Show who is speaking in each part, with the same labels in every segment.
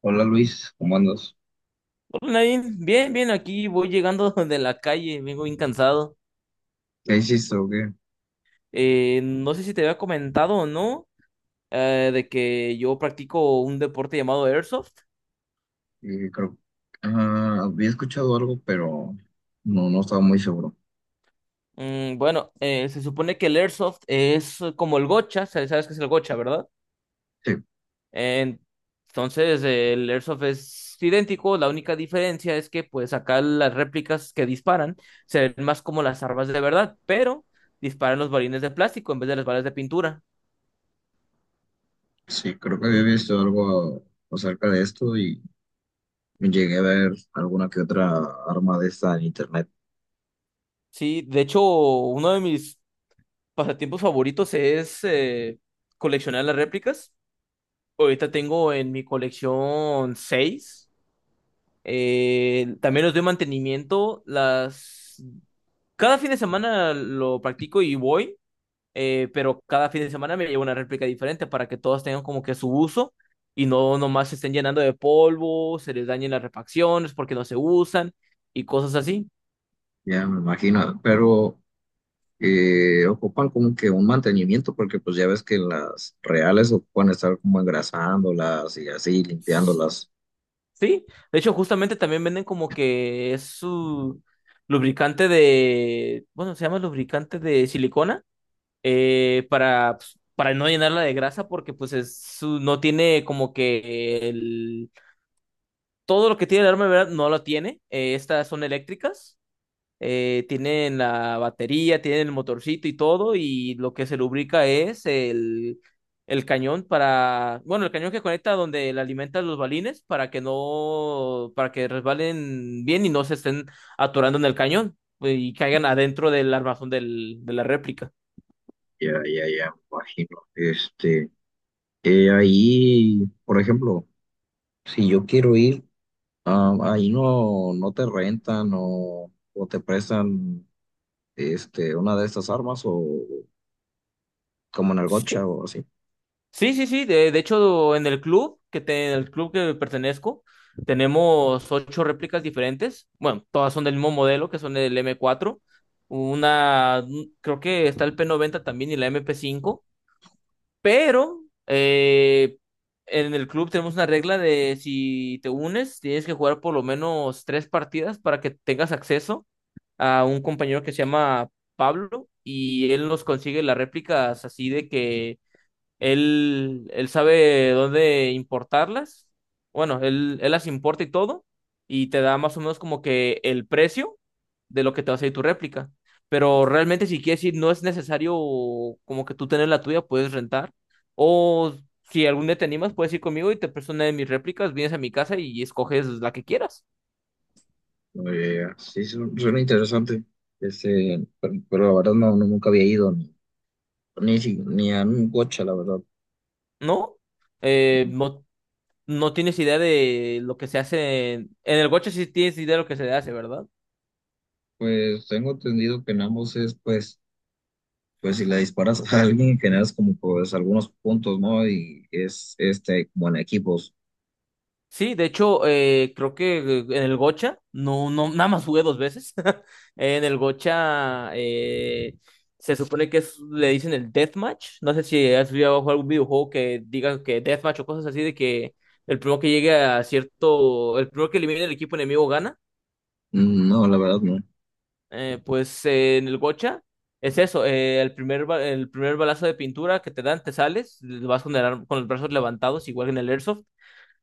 Speaker 1: Hola Luis, ¿cómo andas?
Speaker 2: Hola, Nadine, bien, bien, aquí voy llegando de la calle, vengo bien cansado.
Speaker 1: ¿Qué hiciste o qué?
Speaker 2: No sé si te había comentado o no, de que yo practico un deporte llamado Airsoft.
Speaker 1: Creo, ah, había escuchado algo, pero no estaba muy seguro.
Speaker 2: Bueno, se supone que el Airsoft es como el gocha, sabes qué es el gocha, ¿verdad?
Speaker 1: Sí,
Speaker 2: En- entonces, el Airsoft es idéntico, la única diferencia es que pues acá las réplicas que disparan se ven más como las armas de verdad, pero disparan los balines de plástico en vez de las balas de pintura.
Speaker 1: sí, creo que había visto algo acerca de esto y llegué a ver alguna que otra arma de esta en internet.
Speaker 2: Sí, de hecho, uno de mis pasatiempos favoritos es coleccionar las réplicas. Ahorita tengo en mi colección seis. También los doy mantenimiento. Cada fin de semana lo practico y voy, pero cada fin de semana me llevo una réplica diferente para que todas tengan como que su uso y no nomás se estén llenando de polvo, se les dañen las refacciones porque no se usan y cosas así.
Speaker 1: Ya me imagino, pero ocupan como que un mantenimiento, porque pues ya ves que las reales ocupan estar como engrasándolas y así, limpiándolas.
Speaker 2: Sí, de hecho, justamente también venden como que es su bueno, se llama lubricante de silicona, pues, para no llenarla de grasa, porque pues es su, no tiene como que todo lo que tiene el arma, ¿verdad? No lo tiene, estas son eléctricas, tienen la batería, tienen el motorcito y todo, y lo que se lubrica es el cañón bueno, el cañón que conecta donde le alimentan los balines para que no, para que resbalen bien y no se estén atorando en el cañón y caigan adentro del armazón de la réplica.
Speaker 1: Ya, ya, ya, me imagino. Este, ahí, por ejemplo. Si yo quiero ir, ah, ahí no te rentan o te prestan este, una de estas armas o como en el gotcha o así.
Speaker 2: Sí, sí, sí. De hecho, en el club en el club que pertenezco, tenemos ocho réplicas diferentes. Bueno, todas son del mismo modelo, que son el M4. Una, creo que está el P90 también y la MP5. Pero en el club tenemos una regla de si te unes, tienes que jugar por lo menos tres partidas para que tengas acceso a un compañero que se llama Pablo y él nos consigue las réplicas así de que él sabe dónde importarlas. Bueno, él las importa y todo. Y te da más o menos como que el precio de lo que te va a salir tu réplica. Pero realmente, si quieres ir, no es necesario como que tú tener la tuya, puedes rentar. O si algún día te animas, puedes ir conmigo y te presto una de mis réplicas, vienes a mi casa y escoges la que quieras,
Speaker 1: Sí, suena interesante. Este, pero la verdad no, nunca había ido ni, ni, ni a un gotcha, la verdad.
Speaker 2: ¿no? No no tienes idea de lo que se hace en el Gocha, sí tienes idea de lo que se hace, ¿verdad?
Speaker 1: Pues tengo entendido que en ambos es, pues, pues si le disparas a alguien generas como pues algunos puntos, ¿no? Y es este como en equipos.
Speaker 2: Sí, de hecho, creo que en el Gocha, no, no, nada más jugué dos veces. En el Gocha se supone que le dicen el deathmatch. No sé si has jugado algún videojuego que diga que deathmatch o cosas así de que el primero que llegue a cierto, el primero que elimine el equipo enemigo gana.
Speaker 1: Mm, no, la verdad no.
Speaker 2: Pues en el Gocha es eso, el primer balazo de pintura que te dan, te sales, vas con los brazos levantados, igual que en el Airsoft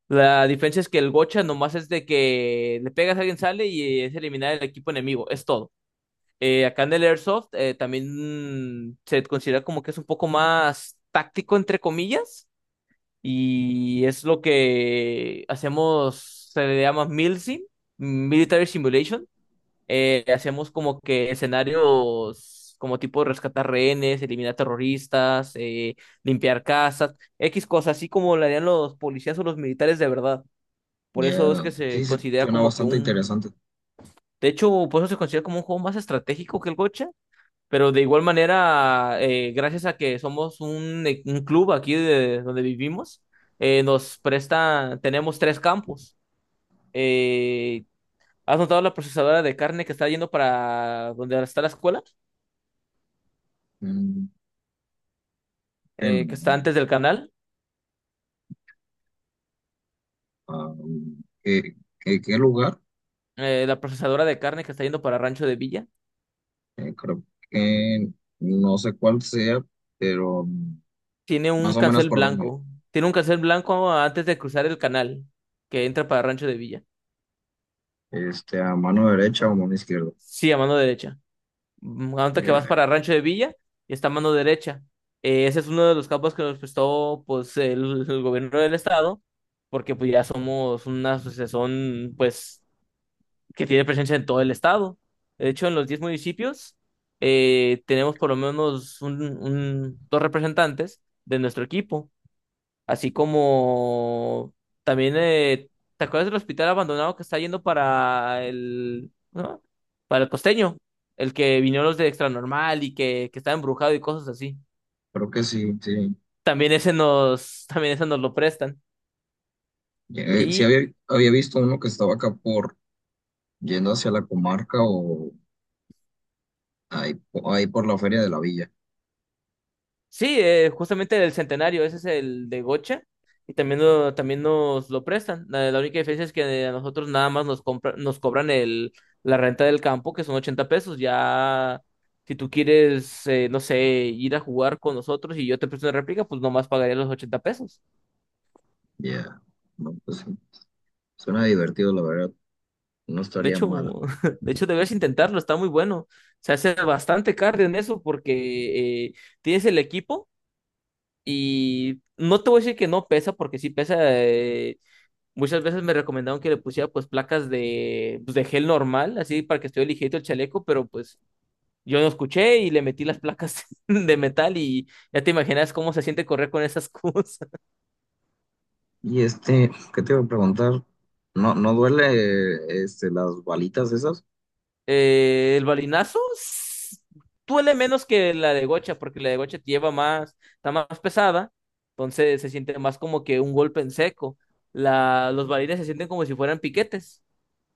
Speaker 2: la diferencia es que el gocha nomás es de que le pegas a alguien, sale y es eliminar el equipo enemigo, es todo. Acá en el Airsoft también se considera como que es un poco más táctico, entre comillas, y es lo que hacemos, se le llama MILSIM, Military Simulation. Hacemos como que escenarios como tipo rescatar rehenes, eliminar terroristas, limpiar casas, X cosas, así como lo harían los policías o los militares de verdad. Por eso es
Speaker 1: Ya,
Speaker 2: que se
Speaker 1: sí, sí,
Speaker 2: considera
Speaker 1: suena
Speaker 2: como que
Speaker 1: bastante
Speaker 2: un...
Speaker 1: interesante.
Speaker 2: De hecho, por eso se considera como un juego más estratégico que el gocha. Pero de igual manera, gracias a que somos un club aquí de donde vivimos, nos presta, tenemos tres campos. Eh, ¿Has notado la procesadora de carne que está yendo para donde está la escuela?
Speaker 1: Mm, que
Speaker 2: Eh,
Speaker 1: no.
Speaker 2: que está antes del canal.
Speaker 1: Ah, ¿qué, qué lugar?
Speaker 2: La procesadora de carne que está yendo para Rancho de Villa.
Speaker 1: Creo que no sé cuál sea, pero mm,
Speaker 2: Tiene un
Speaker 1: más o menos
Speaker 2: cancel
Speaker 1: por dónde.
Speaker 2: blanco. Tiene un cancel blanco antes de cruzar el canal que entra para Rancho de Villa.
Speaker 1: Este, a mano derecha o mano izquierda.
Speaker 2: Sí, a mano derecha. Antes que vas
Speaker 1: Ya,
Speaker 2: para Rancho de Villa, y está a mano derecha. Ese es uno de los campos que nos prestó pues el gobierno del estado, porque pues ya somos una asociación pues que tiene presencia en todo el estado. De hecho, en los 10 municipios tenemos por lo menos dos representantes de nuestro equipo. Así como también, ¿te acuerdas del hospital abandonado que está yendo para el, ¿no? Para el costeño, el que vinieron los de Extra Normal y que está embrujado y cosas así.
Speaker 1: creo que sí, sí.
Speaker 2: También ese nos, también ese nos lo prestan.
Speaker 1: Sí había, había visto uno que estaba acá por yendo hacia la comarca o ahí, ahí por la feria de la villa.
Speaker 2: Sí, justamente el centenario, ese es el de Gocha, y también, también nos lo prestan. La única diferencia es que a nosotros nada más nos cobran la renta del campo, que son 80 pesos. Ya, si tú quieres, no sé, ir a jugar con nosotros y yo te presto una réplica, pues nomás pagaría los 80 pesos.
Speaker 1: Ya, no, pues sí. Suena divertido, la verdad. No
Speaker 2: De
Speaker 1: estaría
Speaker 2: hecho,
Speaker 1: mal.
Speaker 2: de hecho, debes intentarlo, está muy bueno. Se hace bastante cardio en eso porque tienes el equipo y no te voy a decir que no pesa, porque sí pesa. Muchas veces me recomendaron que le pusiera pues placas de, pues, de gel normal, así para que estuviera ligerito el chaleco, pero pues yo no escuché y le metí las placas de metal y ya te imaginas cómo se siente correr con esas cosas.
Speaker 1: Y este, ¿qué te iba a preguntar? ¿No, no duele este, las balitas esas?
Speaker 2: El balinazo duele menos que la de gocha, porque la de gocha te lleva más, está más pesada, entonces se siente más como que un golpe en seco. Los balines se sienten como si fueran piquetes,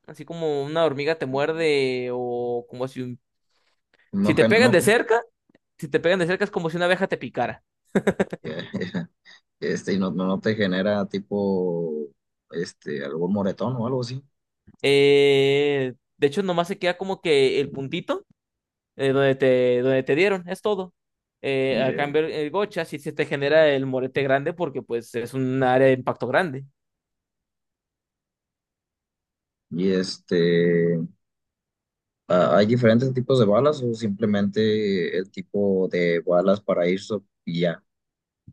Speaker 2: así como una hormiga te muerde o como si, un- si
Speaker 1: No,
Speaker 2: te
Speaker 1: no,
Speaker 2: pegan de cerca. Si te pegan de cerca es como si una abeja te picara.
Speaker 1: este, y no, no no te genera tipo este, algún moretón o algo así.
Speaker 2: De hecho, nomás se queda como que el puntito donde te dieron, es todo. A cambio,
Speaker 1: Bien.
Speaker 2: el gocha sí se te genera el morete grande porque pues es un área de impacto grande.
Speaker 1: Y este, hay diferentes tipos de balas o simplemente el tipo de balas para irse y ya?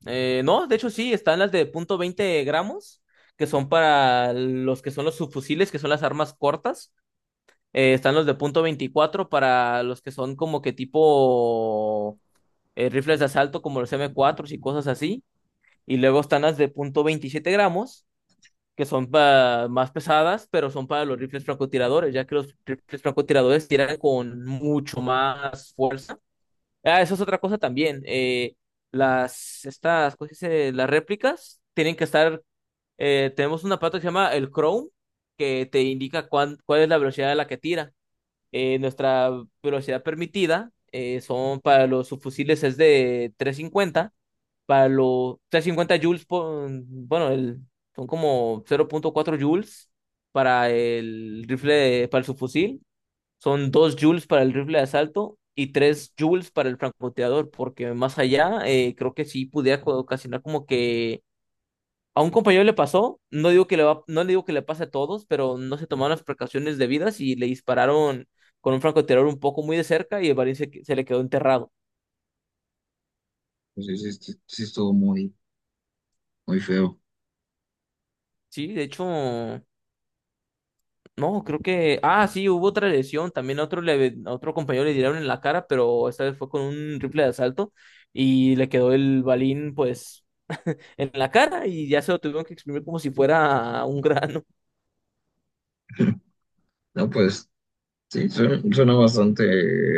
Speaker 2: No, de hecho sí, están las de 0,20 gramos, que son para los que son los subfusiles, que son las armas cortas. Están los de 0,24 para los que son como que tipo rifles de asalto como los m cuatro y cosas así. Y luego están las de 0,27 gramos, que son más pesadas, pero son para los rifles francotiradores, ya que los rifles francotiradores tiran con mucho más fuerza. Ah, eso es otra cosa también. ¿Cómo se dice? Las réplicas tienen que estar, tenemos un aparato que se llama el Chrome, que te indica cuál es la velocidad a la que tira. Nuestra velocidad permitida son para los subfusiles es de 350 para los 350 joules, bueno, son como 0,4 joules para el rifle, para el subfusil, son 2 joules para el rifle de asalto y 3 joules para el francotirador, porque más allá creo que sí pudiera ocasionar como que a un compañero le pasó, no digo que le va, no le digo que le pase a todos, pero no se tomaron las precauciones debidas y le dispararon con un francotirador un poco muy de cerca y el balín se le quedó enterrado.
Speaker 1: Pues sí, sí, sí, sí estuvo muy, muy feo.
Speaker 2: Sí, de hecho. No, creo que. Ah, sí, hubo otra lesión. También otro compañero le dieron en la cara, pero esta vez fue con un rifle de asalto y le quedó el balín, pues, en la cara y ya se lo tuvieron que exprimir como si fuera un grano.
Speaker 1: No, pues sí, suena, suena bastante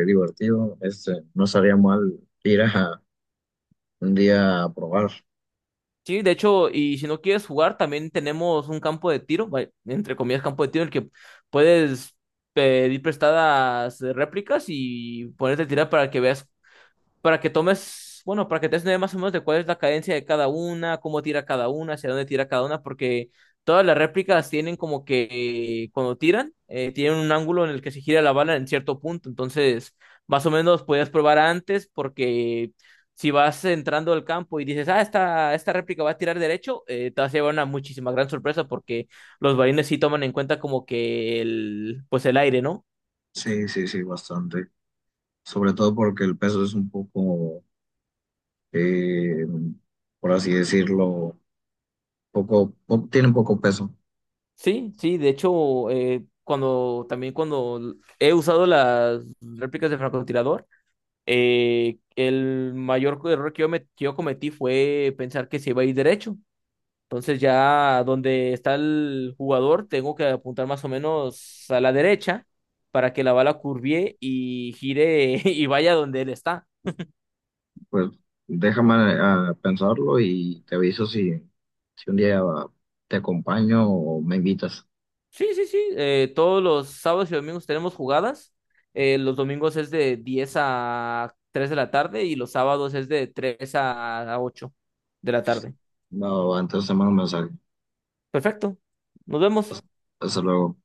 Speaker 1: divertido. Este, no estaría mal ir a un día a probar.
Speaker 2: Sí, de hecho, y si no quieres jugar, también tenemos un campo de tiro, entre comillas, campo de tiro, en el que puedes pedir prestadas réplicas y ponerte a tirar para que tomes, bueno, para que te des una idea más o menos de cuál es la cadencia de cada una, cómo tira cada una, hacia dónde tira cada una, porque todas las réplicas tienen como que cuando tiran, tienen un ángulo en el que se gira la bala en cierto punto, entonces más o menos podías probar antes porque... Si vas entrando al campo y dices, ah, esta réplica va a tirar derecho, te vas a llevar una muchísima gran sorpresa porque los balines sí toman en cuenta como que pues el aire, ¿no?
Speaker 1: Sí, sí, sí, bastante. Sobre todo porque el peso es un poco, eh, por así decirlo, poco, tiene poco peso.
Speaker 2: Sí, sí, de hecho, cuando he usado las réplicas de francotirador, el mayor error que que yo cometí fue pensar que se iba a ir derecho. Entonces ya donde está el jugador, tengo que apuntar más o menos a la derecha para que la bala curvie y gire y vaya donde él está.
Speaker 1: Pues déjame ah, pensarlo y te aviso si, si un día te acompaño o me invitas.
Speaker 2: Sí, sí, sí. Todos los sábados y domingos tenemos jugadas. Los domingos es de 10 a 3 de la tarde y los sábados es de 3 a 8 de la tarde.
Speaker 1: No, antes de mando un mensaje.
Speaker 2: Perfecto. Nos vemos.
Speaker 1: Hasta luego.